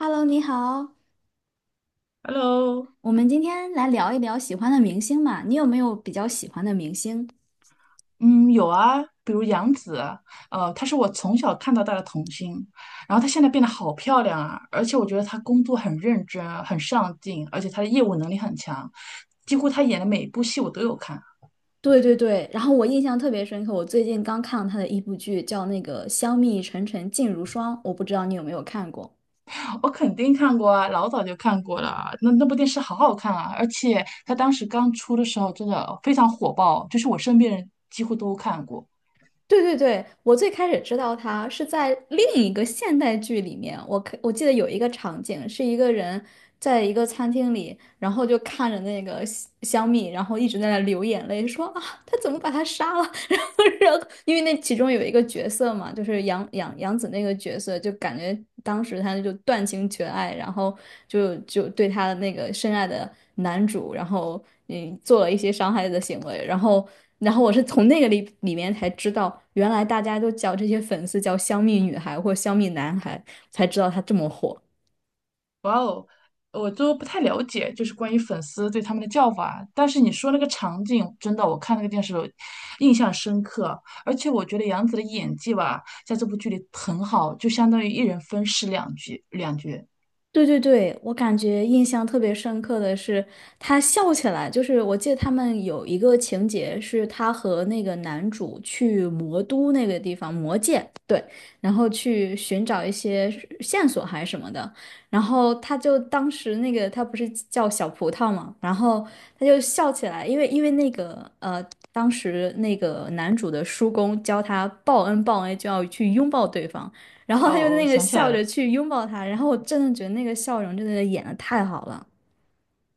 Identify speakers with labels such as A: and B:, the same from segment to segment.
A: Hello，你好，
B: Hello，
A: 我们今天来聊一聊喜欢的明星嘛，你有没有比较喜欢的明星？
B: 嗯，有啊，比如杨紫啊，她是我从小看到大的童星，然后她现在变得好漂亮啊，而且我觉得她工作很认真，很上进，而且她的业务能力很强，几乎她演的每一部戏我都有看，
A: 对对对，然后我印象特别深刻，我最近刚看了他的一部剧，叫那个《香蜜沉沉烬如霜》，我不知道你有没有看过。
B: 我肯定看过啊，老早就看过了，那部电视好好看啊，而且她当时刚出的时候真的非常火爆，就是我身边人几乎都看过。
A: 对对对，我最开始知道他是在另一个现代剧里面，我记得有一个场景，是一个人在一个餐厅里，然后就看着那个香蜜，然后一直在那流眼泪，说他怎么把他杀了？然后，然后，因为那其中有一个角色嘛，就是杨紫那个角色，就感觉当时他就断情绝爱，然后就对他的那个深爱的男主，然后做了一些伤害的行为，然后，然后我是从那个里面才知道，原来大家都叫这些粉丝叫香蜜女孩或香蜜男孩，才知道他这么火。
B: 哇哦，我都不太了解，就是关于粉丝对他们的叫法。但是你说那个场景，真的，我看那个电视我印象深刻。而且我觉得杨紫的演技吧，在这部剧里很好，就相当于一人分饰两角，两角。
A: 对对对，我感觉印象特别深刻的是，他笑起来，就是我记得他们有一个情节是他和那个男主去魔都那个地方，魔界，对，然后去寻找一些线索还是什么的，然后他就当时那个他不是叫小葡萄嘛，然后他就笑起来，因为那个当时那个男主的叔公教他报恩就要去拥抱对方，然后他就
B: 哦，我
A: 那个
B: 想起来
A: 笑着
B: 了。
A: 去拥抱他，然后我真的觉得那个笑容真的演的太好了。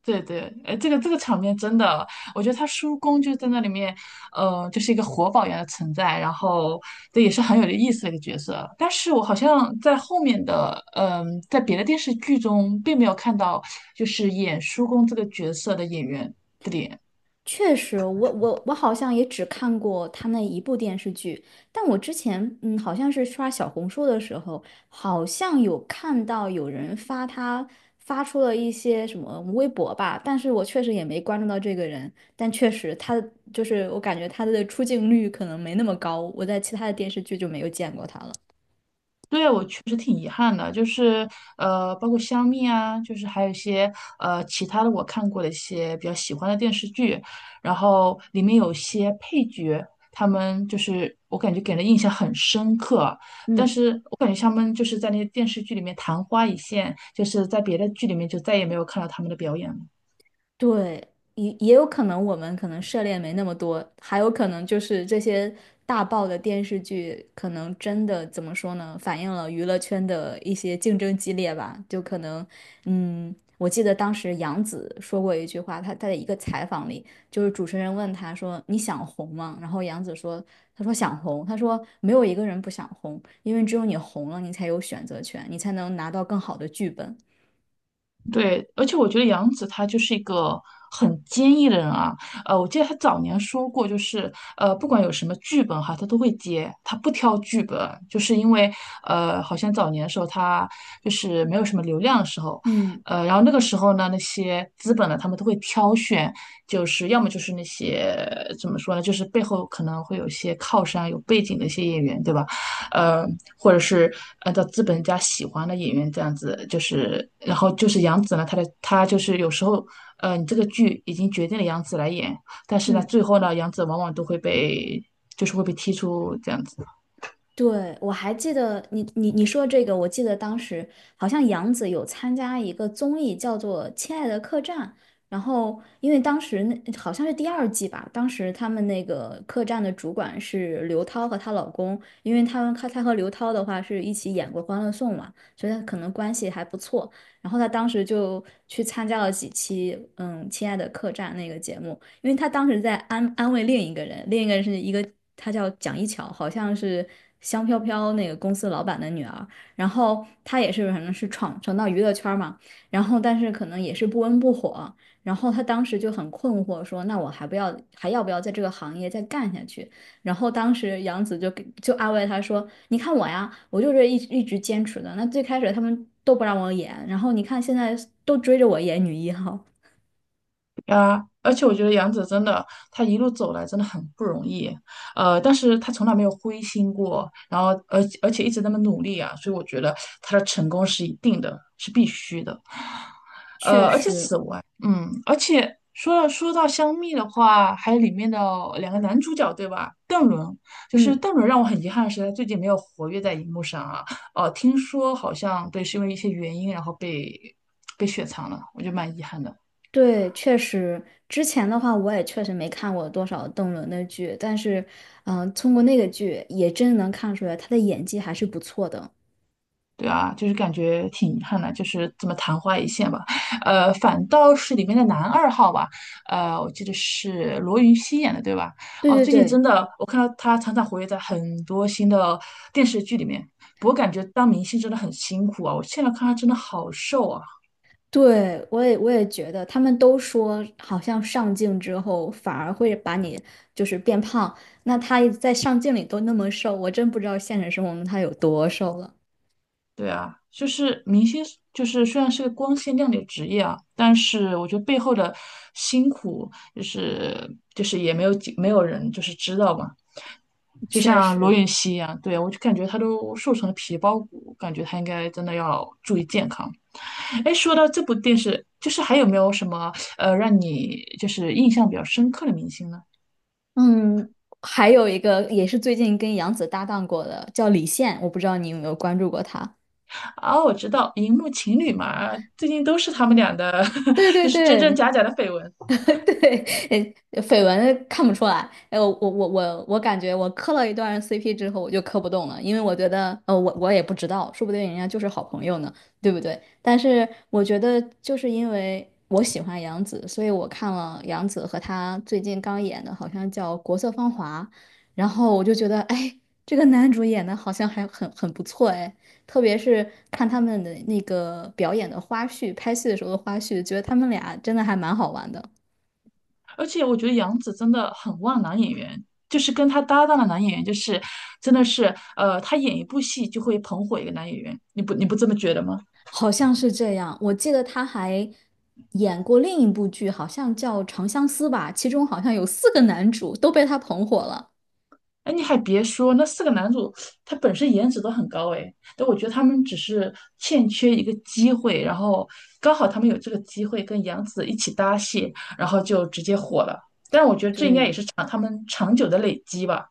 B: 对对，哎，这个场面真的，我觉得他叔公就在那里面，就是一个活宝一样的存在，然后这也是很有意思的一个角色。但是我好像在后面的，在别的电视剧中并没有看到，就是演叔公这个角色的演员的脸。
A: 确实，我好像也只看过他那一部电视剧，但我之前好像是刷小红书的时候，好像有看到有人发他发出了一些什么微博吧，但是我确实也没关注到这个人，但确实他就是我感觉他的出镜率可能没那么高，我在其他的电视剧就没有见过他了。
B: 对，我确实挺遗憾的，包括香蜜啊，就是还有一些其他的我看过的一些比较喜欢的电视剧，然后里面有些配角，他们就是我感觉给人印象很深刻，但
A: 嗯。
B: 是我感觉他们就是在那些电视剧里面昙花一现，就是在别的剧里面就再也没有看到他们的表演了。
A: 对，也也有可能我们可能涉猎没那么多，还有可能就是这些大爆的电视剧，可能真的怎么说呢，反映了娱乐圈的一些竞争激烈吧。就可能，嗯，我记得当时杨紫说过一句话，她在一个采访里，就是主持人问她说：“你想红吗？”然后杨紫说：“她说想红，她说没有一个人不想红，因为只有你红了，你才有选择权，你才能拿到更好的剧本。”
B: 对，而且我觉得杨紫她就是一个很坚毅的人啊。我记得她早年说过，不管有什么剧本哈，她都会接，她不挑剧本，就是因为好像早年的时候她就是没有什么流量的时候，
A: 嗯。
B: 然后那个时候呢，那些资本呢，他们都会挑选，就是要么就是那些怎么说呢，就是背后可能会有一些靠山、有背景的一些演员，对吧？呃，或者是按照资本家喜欢的演员这样子，就是然后就是杨紫呢，她就是有时候你这个剧已经决定了杨紫来演，但是呢，
A: 嗯。
B: 最后呢，杨紫往往都会被会被踢出这样子。
A: 对，我还记得你说这个，我记得当时好像杨紫有参加一个综艺，叫做《亲爱的客栈》。然后，因为当时那好像是第二季吧，当时他们那个客栈的主管是刘涛和她老公，因为他们她和刘涛的话是一起演过《欢乐颂》嘛，所以她可能关系还不错。然后她当时就去参加了几期《亲爱的客栈》那个节目，因为他当时在安慰另一个人，另一个人是一个他叫蒋一巧，好像是香飘飘那个公司老板的女儿。然后她也是反正是闯到娱乐圈嘛，然后但是可能也是不温不火。然后她当时就很困惑，说那我还要不要在这个行业再干下去？然后当时杨紫就安慰他说：“你看我呀，我就是一直坚持的。那最开始他们都不让我演，然后你看现在都追着我演女一号。”
B: 啊，而且我觉得杨紫真的，她一路走来真的很不容易，但是她从来没有灰心过，然后而且一直那么努力啊，所以我觉得她的成功是一定的，是必须的。
A: 确
B: 而且
A: 实，
B: 此外，而且说到香蜜的话，还有里面的两个男主角，对吧？邓伦，就是
A: 嗯。
B: 邓伦让我很遗憾的是，他最近没有活跃在荧幕上啊。听说好像对，是因为一些原因，然后被雪藏了，我觉得蛮遗憾的。
A: 对，确实，之前的话我也确实没看过多少邓伦的剧，但是，通过那个剧也真能看出来他的演技还是不错的。
B: 对啊，就是感觉挺遗憾的，就是这么昙花一现吧。反倒是里面的男二号吧，我记得是罗云熙演的，对吧？
A: 对
B: 哦，
A: 对
B: 最近真
A: 对，
B: 的我看到他常常活跃在很多新的电视剧里面，不过感觉当明星真的很辛苦啊。我现在看他真的好瘦啊。
A: 对，我也觉得，他们都说好像上镜之后反而会把你就是变胖，那他在上镜里都那么瘦，我真不知道现实生活中他有多瘦了。
B: 对啊，就是明星，就是虽然是个光鲜亮丽的职业啊，但是我觉得背后的辛苦，就是也没有人就是知道嘛。就
A: 确
B: 像罗
A: 实，
B: 云熙一样，对，我就感觉他都瘦成了皮包骨，感觉他应该真的要注意健康。哎，说到这部电视，就是还有没有什么让你就是印象比较深刻的明星呢？
A: 嗯，还有一个也是最近跟杨紫搭档过的，叫李现，我不知道你有没有关注过他。
B: 啊，我知道荧幕情侣嘛，最近都是他们俩的，
A: 对 对
B: 就是真真
A: 对，
B: 假假的绯闻。
A: 对，绯闻看不出来。哎，我感觉我磕了一段 CP 之后，我就磕不动了，因为我觉得，我也不知道，说不定人家就是好朋友呢，对不对？但是我觉得，就是因为我喜欢杨紫，所以我看了杨紫和她最近刚演的，好像叫《国色芳华》，然后我就觉得，哎，这个男主演的好像还很不错，哎。特别是看他们的那个表演的花絮，拍戏的时候的花絮，觉得他们俩真的还蛮好玩的。
B: 而且我觉得杨紫真的很旺男演员，就是跟他搭档的男演员，真的是他演一部戏就会捧火一个男演员，你不这么觉得吗？
A: 好像是这样。我记得他还演过另一部剧，好像叫《长相思》吧，其中好像有四个男主都被他捧火了。
B: 哎，你还别说，那四个男主他本身颜值都很高哎，但我觉得他们只是欠缺一个机会，然后刚好他们有这个机会跟杨紫一起搭戏，然后就直接火了。但是我觉得这应该也
A: 对，
B: 是长他们长久的累积吧。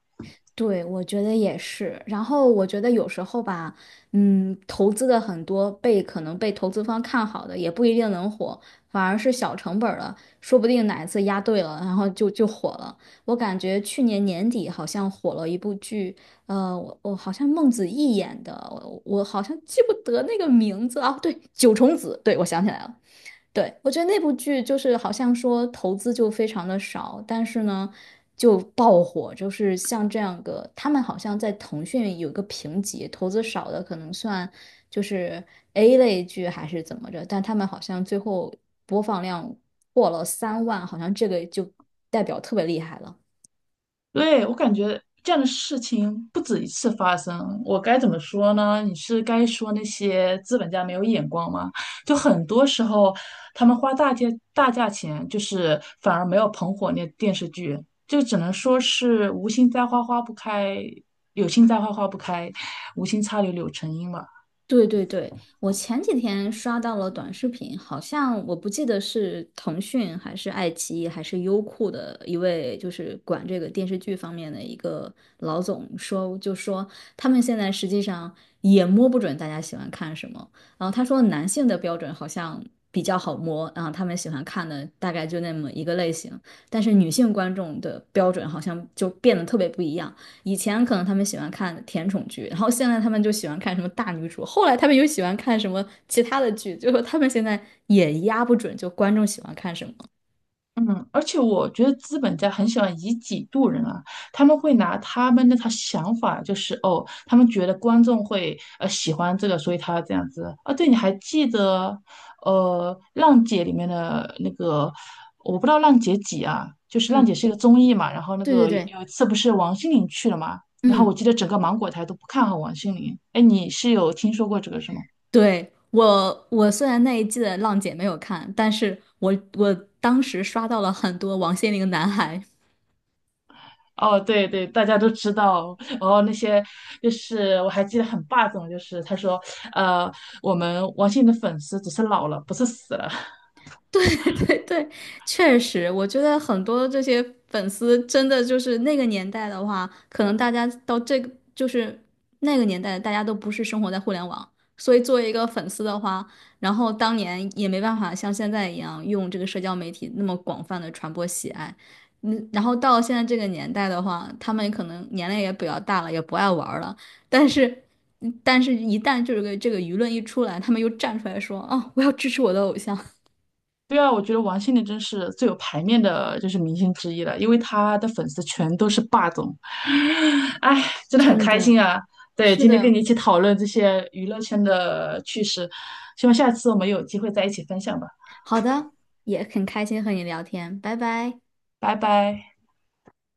A: 对，我觉得也是。然后我觉得有时候吧，嗯，投资的很多被可能被投资方看好的，也不一定能火，反而是小成本儿的，说不定哪一次押对了，然后就火了。我感觉去年年底好像火了一部剧，我我好像孟子义演的，我好像记不得那个名字啊，对，《九重紫》，对，我想起来了。对，我觉得那部剧就是好像说投资就非常的少，但是呢就爆火，就是像这样个，他们好像在腾讯有一个评级，投资少的可能算就是 A 类剧还是怎么着，但他们好像最后播放量破了3万，好像这个就代表特别厉害了。
B: 对，我感觉这样的事情不止一次发生，我该怎么说呢？你是该说那些资本家没有眼光吗？就很多时候，他们花大价大价钱，就是反而没有捧火那电视剧，就只能说是无心栽花花不开，有心栽花花不开，无心插柳柳成荫吧。
A: 对对对，我前几天刷到了短视频，好像我不记得是腾讯还是爱奇艺还是优酷的一位，就是管这个电视剧方面的一个老总说，就说他们现在实际上也摸不准大家喜欢看什么。然后他说男性的标准好像比较好摸，然后他们喜欢看的大概就那么一个类型，但是女性观众的标准好像就变得特别不一样。以前可能他们喜欢看甜宠剧，然后现在他们就喜欢看什么大女主，后来他们又喜欢看什么其他的剧，就是他们现在也压不准，就观众喜欢看什么。
B: 嗯，而且我觉得资本家很喜欢以己度人啊，他们会拿他们那套想法，就是哦，他们觉得观众会喜欢这个，所以他这样子啊。对，你还记得呃《浪姐》里面的那个，我不知道《浪姐》几啊，就是《浪姐》
A: 嗯，
B: 是一个综艺嘛，然后那
A: 对对
B: 个有
A: 对，
B: 有一次不是王心凌去了嘛，然后
A: 嗯，
B: 我记得整个芒果台都不看好王心凌，哎，你是有听说过这个是吗？
A: 对，我，我虽然那一季的《浪姐》没有看，但是我当时刷到了很多王心凌男孩，
B: 哦，对对，大家都知道。然后那些就是我还记得很霸总，就是他说，呃，我们王心凌的粉丝只是老了，不是死了。
A: 对对对，确实，我觉得很多这些粉丝真的就是那个年代的话，可能大家到这个就是那个年代，大家都不是生活在互联网，所以作为一个粉丝的话，然后当年也没办法像现在一样用这个社交媒体那么广泛的传播喜爱，嗯，然后到现在这个年代的话，他们可能年龄也比较大了，也不爱玩儿了，但是。但是，一旦这个舆论一出来，他们又站出来说：“啊，我要支持我的偶像。”
B: 对啊，我觉得王心凌真是最有排面的，就是明星之一了，因为她的粉丝全都是霸总。哎，真的很
A: 真
B: 开
A: 的，
B: 心啊！对，
A: 是
B: 今天跟
A: 的，
B: 你一起讨论这些娱乐圈的趣事，希望下次我们有机会在一起分享吧。
A: 好的，也很开心和你聊天，拜拜。
B: 拜拜。